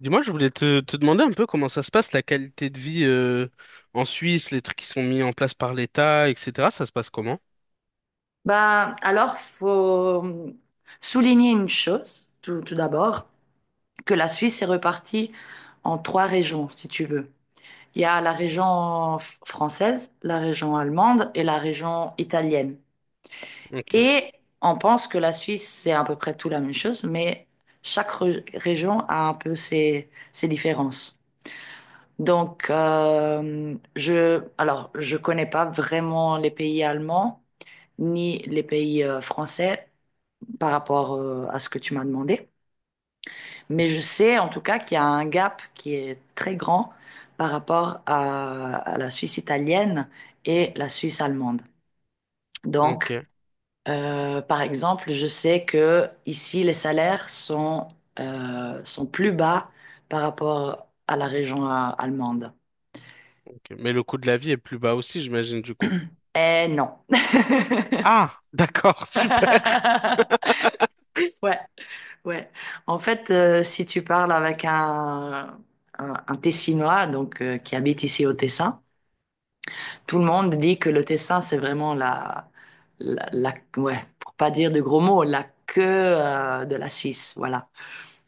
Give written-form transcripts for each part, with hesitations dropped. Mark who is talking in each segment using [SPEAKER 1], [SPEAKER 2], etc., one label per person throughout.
[SPEAKER 1] Dis-moi, je voulais te demander un peu comment ça se passe, la qualité de vie en Suisse, les trucs qui sont mis en place par l'État, etc. Ça se passe comment?
[SPEAKER 2] Ben, alors, faut souligner une chose, tout d'abord, que la Suisse est repartie en trois régions, si tu veux. Il y a la région française, la région allemande et la région italienne.
[SPEAKER 1] Ok,
[SPEAKER 2] Et on pense que la Suisse, c'est à peu près tout la même chose, mais chaque région a un peu ses différences. Donc, alors, je connais pas vraiment les pays allemands ni les pays français, par rapport à ce que tu m'as demandé. Mais je sais en tout cas qu'il y a un gap qui est très grand par rapport à la Suisse italienne et la Suisse allemande. Donc,
[SPEAKER 1] ok,
[SPEAKER 2] euh, par exemple, je sais que ici, les salaires sont plus bas par rapport à la région allemande.
[SPEAKER 1] ok. Mais le coût de la vie est plus bas aussi, j'imagine, du coup.
[SPEAKER 2] Eh non.
[SPEAKER 1] Ah, d'accord, super.
[SPEAKER 2] Ouais. Ouais. En fait, si tu parles avec un Tessinois donc qui habite ici au Tessin, tout le monde dit que le Tessin c'est vraiment ouais, pour pas dire de gros mots, la queue de la Suisse, voilà.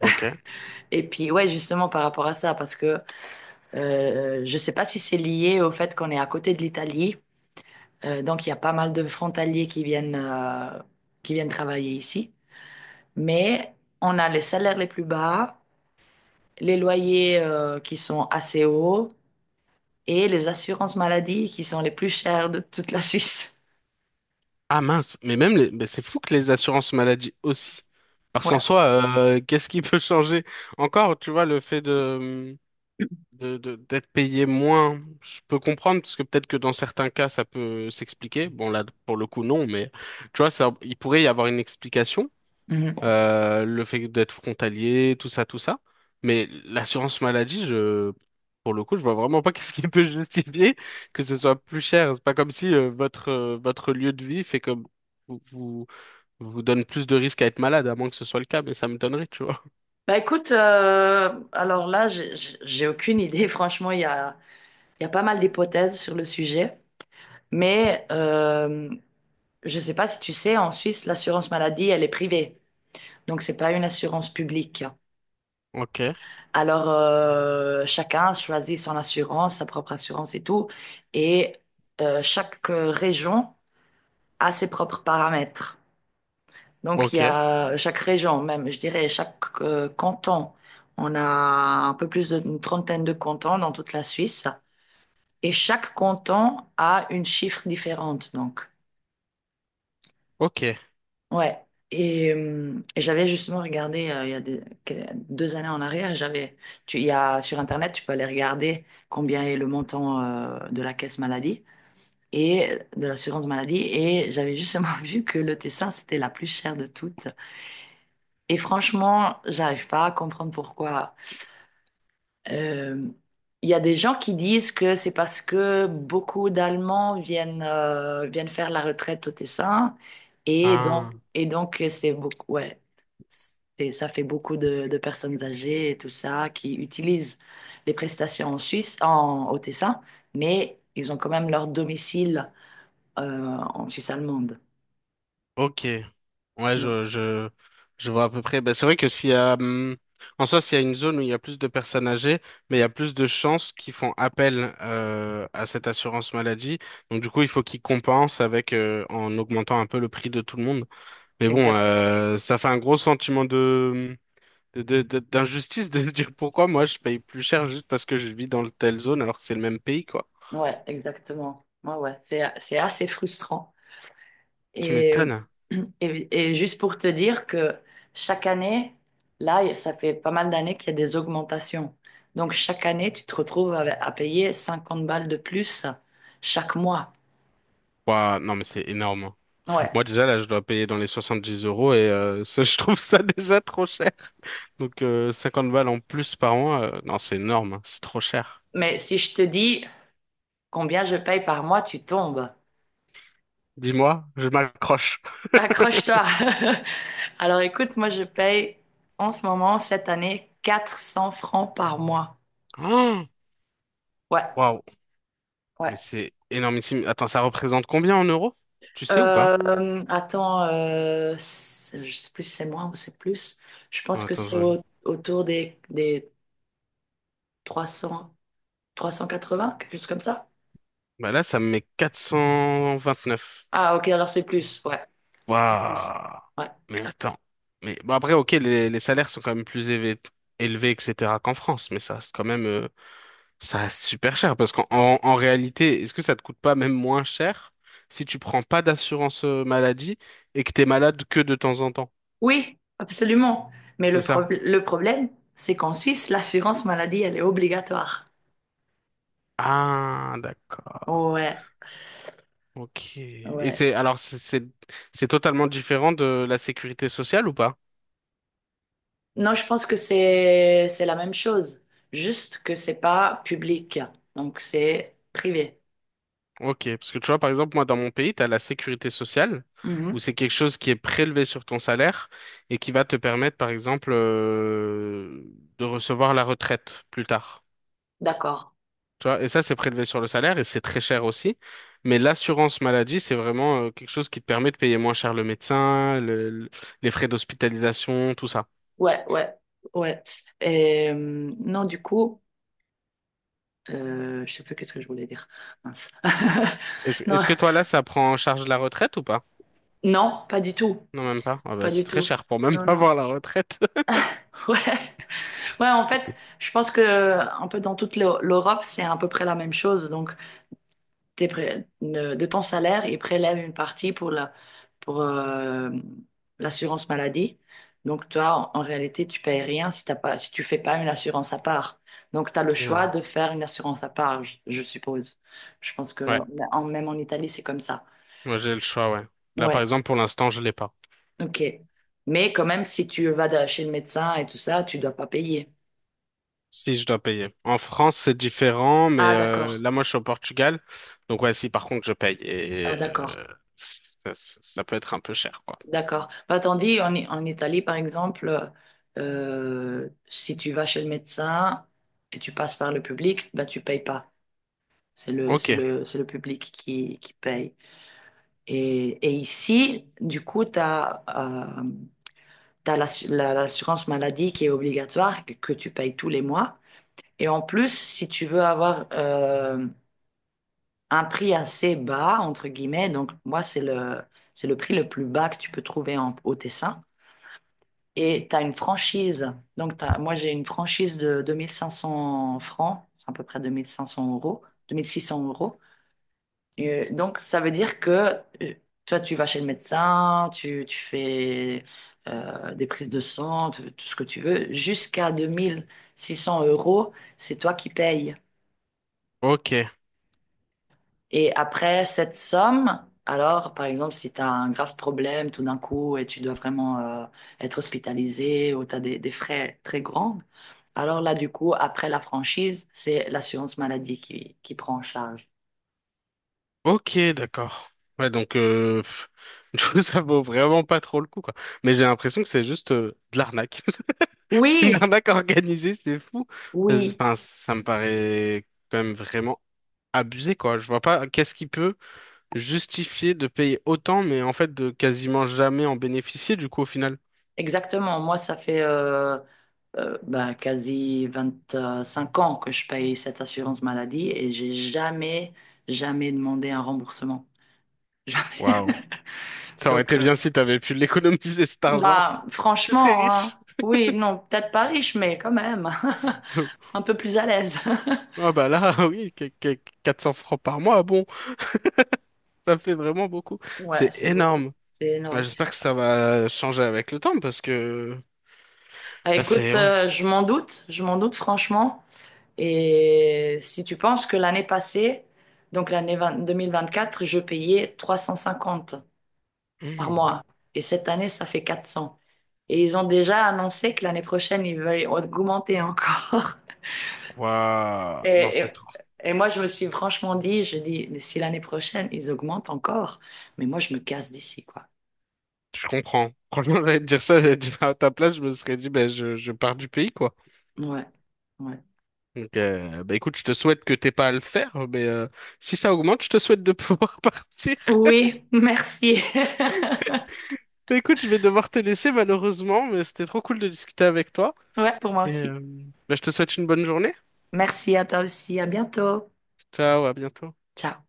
[SPEAKER 1] Ok.
[SPEAKER 2] Et puis ouais, justement par rapport à ça, parce que je sais pas si c'est lié au fait qu'on est à côté de l'Italie, donc il y a pas mal de frontaliers qui viennent qui viennent travailler ici, mais on a les salaires les plus bas, les loyers qui sont assez hauts et les assurances maladie qui sont les plus chères de toute la Suisse.
[SPEAKER 1] Ah mince, mais même les mais c'est fou que les assurances maladie aussi. Parce qu'en
[SPEAKER 2] Ouais.
[SPEAKER 1] soi, qu'est-ce qui peut changer? Encore, tu vois, le fait de d'être payé moins, je peux comprendre, parce que peut-être que dans certains cas, ça peut s'expliquer. Bon, là, pour le coup, non, mais tu vois, ça, il pourrait y avoir une explication,
[SPEAKER 2] Mhm.
[SPEAKER 1] le fait d'être frontalier, tout ça, tout ça. Mais l'assurance maladie, pour le coup, je vois vraiment pas qu'est-ce qui peut justifier que ce soit plus cher. C'est pas comme si, votre, votre lieu de vie fait comme vous, vous, vous donne plus de risques à être malade, à moins que ce soit le cas, mais ça me donnerait, tu vois.
[SPEAKER 2] Bah écoute, alors là, j'ai aucune idée. Franchement, il y a pas mal d'hypothèses sur le sujet. Mais je sais pas si tu sais, en Suisse, l'assurance maladie, elle est privée. Donc, c'est pas une assurance publique.
[SPEAKER 1] Ok,
[SPEAKER 2] Alors, chacun choisit son assurance, sa propre assurance et tout. Et chaque région a ses propres paramètres. Donc, il y
[SPEAKER 1] ok,
[SPEAKER 2] a chaque région, même, je dirais, chaque canton. On a un peu plus d'une trentaine de cantons dans toute la Suisse. Et chaque canton a une chiffre différente, donc.
[SPEAKER 1] ok.
[SPEAKER 2] Ouais. Et j'avais justement regardé, il y a des- que- deux années en arrière, j'avais, tu, il y a, sur Internet, tu peux aller regarder combien est le montant, de la caisse maladie et de l'assurance maladie. Et j'avais justement vu que le Tessin, c'était la plus chère de toutes. Et franchement, j'arrive pas à comprendre pourquoi. Euh, Il y a des gens qui disent que c'est parce que beaucoup d'Allemands viennent, viennent faire la retraite au Tessin et donc,
[SPEAKER 1] Ah,
[SPEAKER 2] et donc c'est beaucoup, ouais, et ça fait beaucoup de personnes âgées et tout ça qui utilisent les prestations en Suisse, au Tessin, mais ils ont quand même leur domicile, en Suisse allemande.
[SPEAKER 1] ok. Ouais,
[SPEAKER 2] Ouais,
[SPEAKER 1] je, je, je vois à peu près. Ben, c'est vrai que s'il y a, en soi, s'il y a une zone où il y a plus de personnes âgées, mais il y a plus de chances qu'ils font appel à cette assurance maladie. Donc, du coup, il faut qu'ils compensent avec en augmentant un peu le prix de tout le monde. Mais bon,
[SPEAKER 2] exact,
[SPEAKER 1] ça fait un gros sentiment d'injustice de se dire pourquoi moi je paye plus cher juste parce que je vis dans telle zone alors que c'est le même pays, quoi.
[SPEAKER 2] ouais, exactement. Ouais, ouais, c'est assez frustrant.
[SPEAKER 1] Tu
[SPEAKER 2] Et,
[SPEAKER 1] m'étonnes.
[SPEAKER 2] et juste pour te dire que chaque année, là, ça fait pas mal d'années qu'il y a des augmentations. Donc chaque année, tu te retrouves à payer 50 balles de plus chaque mois.
[SPEAKER 1] Ouah, non, mais c'est énorme.
[SPEAKER 2] Ouais.
[SPEAKER 1] Moi déjà là je dois payer dans les 70 euros et ça, je trouve ça déjà trop cher. Donc 50 balles en plus par mois, non c'est énorme, hein, c'est trop cher.
[SPEAKER 2] Mais si je te dis combien je paye par mois, tu tombes.
[SPEAKER 1] Dis-moi, je m'accroche.
[SPEAKER 2] Accroche-toi. Alors écoute, moi je paye en ce moment, cette année, 400 francs par mois.
[SPEAKER 1] Oh
[SPEAKER 2] Ouais,
[SPEAKER 1] waouh, mais
[SPEAKER 2] ouais.
[SPEAKER 1] c'est énormissime. Attends, ça représente combien en euros? Tu sais ou pas?
[SPEAKER 2] Je sais plus si c'est moins ou c'est plus. Je pense que
[SPEAKER 1] Attends,
[SPEAKER 2] c'est
[SPEAKER 1] je...
[SPEAKER 2] autour des 300, 380 quelque chose comme ça.
[SPEAKER 1] Bah là ça me met 429.
[SPEAKER 2] Ah, ok, alors c'est plus, ouais. C'est plus.
[SPEAKER 1] Waouh.
[SPEAKER 2] Ouais.
[SPEAKER 1] Mais attends. Mais bon après ok les salaires sont quand même plus élevés, élevés etc. qu'en France, mais ça reste quand même ça reste super cher parce en réalité, est-ce que ça te coûte pas même moins cher si tu prends pas d'assurance maladie et que t'es malade que de temps en temps?
[SPEAKER 2] Oui, absolument. Mais
[SPEAKER 1] C'est ça?
[SPEAKER 2] le problème, c'est qu'en Suisse, l'assurance maladie, elle est obligatoire.
[SPEAKER 1] Ah, d'accord.
[SPEAKER 2] Ouais,
[SPEAKER 1] Ok. Et
[SPEAKER 2] ouais.
[SPEAKER 1] c'est alors c'est totalement différent de la sécurité sociale ou pas?
[SPEAKER 2] Non, je pense que c'est la même chose, juste que c'est pas public, donc c'est privé.
[SPEAKER 1] Ok, parce que tu vois, par exemple, moi, dans mon pays, tu as la sécurité sociale, où
[SPEAKER 2] Mhm.
[SPEAKER 1] c'est quelque chose qui est prélevé sur ton salaire et qui va te permettre, par exemple, de recevoir la retraite plus tard.
[SPEAKER 2] D'accord.
[SPEAKER 1] Tu vois, et ça, c'est prélevé sur le salaire et c'est très cher aussi. Mais l'assurance maladie, c'est vraiment quelque chose qui te permet de payer moins cher le médecin, les frais d'hospitalisation, tout ça.
[SPEAKER 2] Ouais, ouais, ouais. Et, non, du coup, je sais plus qu'est-ce que je voulais dire. Mince.
[SPEAKER 1] Est-ce,
[SPEAKER 2] Non,
[SPEAKER 1] est-ce que toi, là, ça prend en charge la retraite ou pas?
[SPEAKER 2] non, pas du tout,
[SPEAKER 1] Non, même pas. Ah
[SPEAKER 2] pas
[SPEAKER 1] bah, c'est
[SPEAKER 2] du
[SPEAKER 1] très
[SPEAKER 2] tout.
[SPEAKER 1] cher pour même
[SPEAKER 2] Non,
[SPEAKER 1] pas
[SPEAKER 2] non.
[SPEAKER 1] avoir la retraite.
[SPEAKER 2] Ouais, ouais. En fait, je pense que un peu dans toute l'Europe, c'est à peu près la même chose. Donc, tes pré- ne- de ton salaire et prélève une partie pour l'assurance maladie. Donc, toi, en réalité, tu payes rien si t'as pas, si tu fais pas une assurance à part. Donc, tu as le choix
[SPEAKER 1] Hmm.
[SPEAKER 2] de faire une assurance à part, je suppose. Je pense que
[SPEAKER 1] Ouais,
[SPEAKER 2] même en Italie, c'est comme ça.
[SPEAKER 1] moi j'ai le choix, ouais. Là, par
[SPEAKER 2] Ouais,
[SPEAKER 1] exemple, pour l'instant, je l'ai pas.
[SPEAKER 2] ok. Mais quand même, si tu vas chez le médecin et tout ça, tu dois pas payer.
[SPEAKER 1] Si je dois payer. En France, c'est différent, mais
[SPEAKER 2] Ah, d'accord.
[SPEAKER 1] là, moi, je suis au Portugal. Donc, ouais, si par contre, je paye.
[SPEAKER 2] Ah,
[SPEAKER 1] Et
[SPEAKER 2] d'accord.
[SPEAKER 1] ça peut être un peu cher, quoi.
[SPEAKER 2] D'accord. Bah, tandis en Italie, par exemple, si tu vas chez le médecin et tu passes par le public, bah, tu payes pas. C'est
[SPEAKER 1] Ok,
[SPEAKER 2] c'est le public qui paye. Et ici, du coup, tu as l'assurance maladie qui est obligatoire, que tu payes tous les mois. Et en plus, si tu veux avoir un prix assez bas, entre guillemets, donc moi, c'est c'est le prix le plus bas que tu peux trouver au Tessin. Et tu as une franchise. Donc, moi, j'ai une franchise de 2500 francs, c'est à peu près 2500 euros, 2600 euros. Et donc, ça veut dire que euh, toi, tu vas chez le médecin, tu fais des prises de sang, tout ce que tu veux. Jusqu'à 2600 euros, c'est toi qui payes.
[SPEAKER 1] ok.
[SPEAKER 2] Et après cette somme, alors, par exemple, si tu as un grave problème tout d'un coup et tu dois vraiment euh, être hospitalisé ou tu as des frais très grands, alors là, du coup, après la franchise, c'est l'assurance maladie qui prend en charge.
[SPEAKER 1] Ok, d'accord. Ouais, donc pff, du coup, ça vaut vraiment pas trop le coup, quoi. Mais j'ai l'impression que c'est juste de l'arnaque. Une
[SPEAKER 2] Oui,
[SPEAKER 1] arnaque organisée, c'est fou.
[SPEAKER 2] oui,
[SPEAKER 1] Enfin, ça me paraît quand même vraiment abusé, quoi. Je vois pas qu'est-ce qui peut justifier de payer autant, mais en fait de quasiment jamais en bénéficier, du coup, au final.
[SPEAKER 2] exactement. Moi, ça fait ben, quasi 25 ans que je paye cette assurance maladie et j'ai jamais, jamais demandé un remboursement. Jamais.
[SPEAKER 1] Waouh. Ça aurait
[SPEAKER 2] Donc,
[SPEAKER 1] été bien si t'avais pu l'économiser, cet argent.
[SPEAKER 2] bah,
[SPEAKER 1] Tu serais
[SPEAKER 2] franchement, hein.
[SPEAKER 1] riche.
[SPEAKER 2] Oui, non, peut-être pas riche, mais quand même, un peu plus à l'aise.
[SPEAKER 1] Ah bah là, oui, 400 francs par mois, bon, ça fait vraiment beaucoup.
[SPEAKER 2] Ouais,
[SPEAKER 1] C'est
[SPEAKER 2] c'est beaucoup.
[SPEAKER 1] énorme.
[SPEAKER 2] C'est
[SPEAKER 1] Ouais,
[SPEAKER 2] énorme.
[SPEAKER 1] j'espère que ça va changer avec le temps parce que
[SPEAKER 2] Ah,
[SPEAKER 1] là
[SPEAKER 2] écoute,
[SPEAKER 1] c'est ouais.
[SPEAKER 2] je m'en doute franchement. Et si tu penses que l'année passée, donc l'année 20 2024, je payais 350 par
[SPEAKER 1] Mmh.
[SPEAKER 2] mois. Et cette année, ça fait 400. Et ils ont déjà annoncé que l'année prochaine, ils veulent augmenter encore.
[SPEAKER 1] Waouh. Non,
[SPEAKER 2] Et,
[SPEAKER 1] c'est trop.
[SPEAKER 2] et, et moi, je me suis franchement dit, je dis, mais si l'année prochaine, ils augmentent encore, mais moi, je me casse d'ici, quoi.
[SPEAKER 1] Je comprends. Franchement, j'allais te dire ça, j'allais te dire à ta place, je me serais dit ben je pars du pays quoi.
[SPEAKER 2] Ouais, ouais.
[SPEAKER 1] Donc bah écoute, je te souhaite que t'aies pas à le faire, mais si ça augmente, je te souhaite de pouvoir partir.
[SPEAKER 2] Oui, merci.
[SPEAKER 1] Bah, écoute, je vais devoir te laisser malheureusement, mais c'était trop cool de discuter avec toi.
[SPEAKER 2] Ouais, pour moi
[SPEAKER 1] Et
[SPEAKER 2] aussi.
[SPEAKER 1] bah, je te souhaite une bonne journée.
[SPEAKER 2] Merci à toi aussi. À bientôt.
[SPEAKER 1] Ciao, à bientôt.
[SPEAKER 2] Ciao.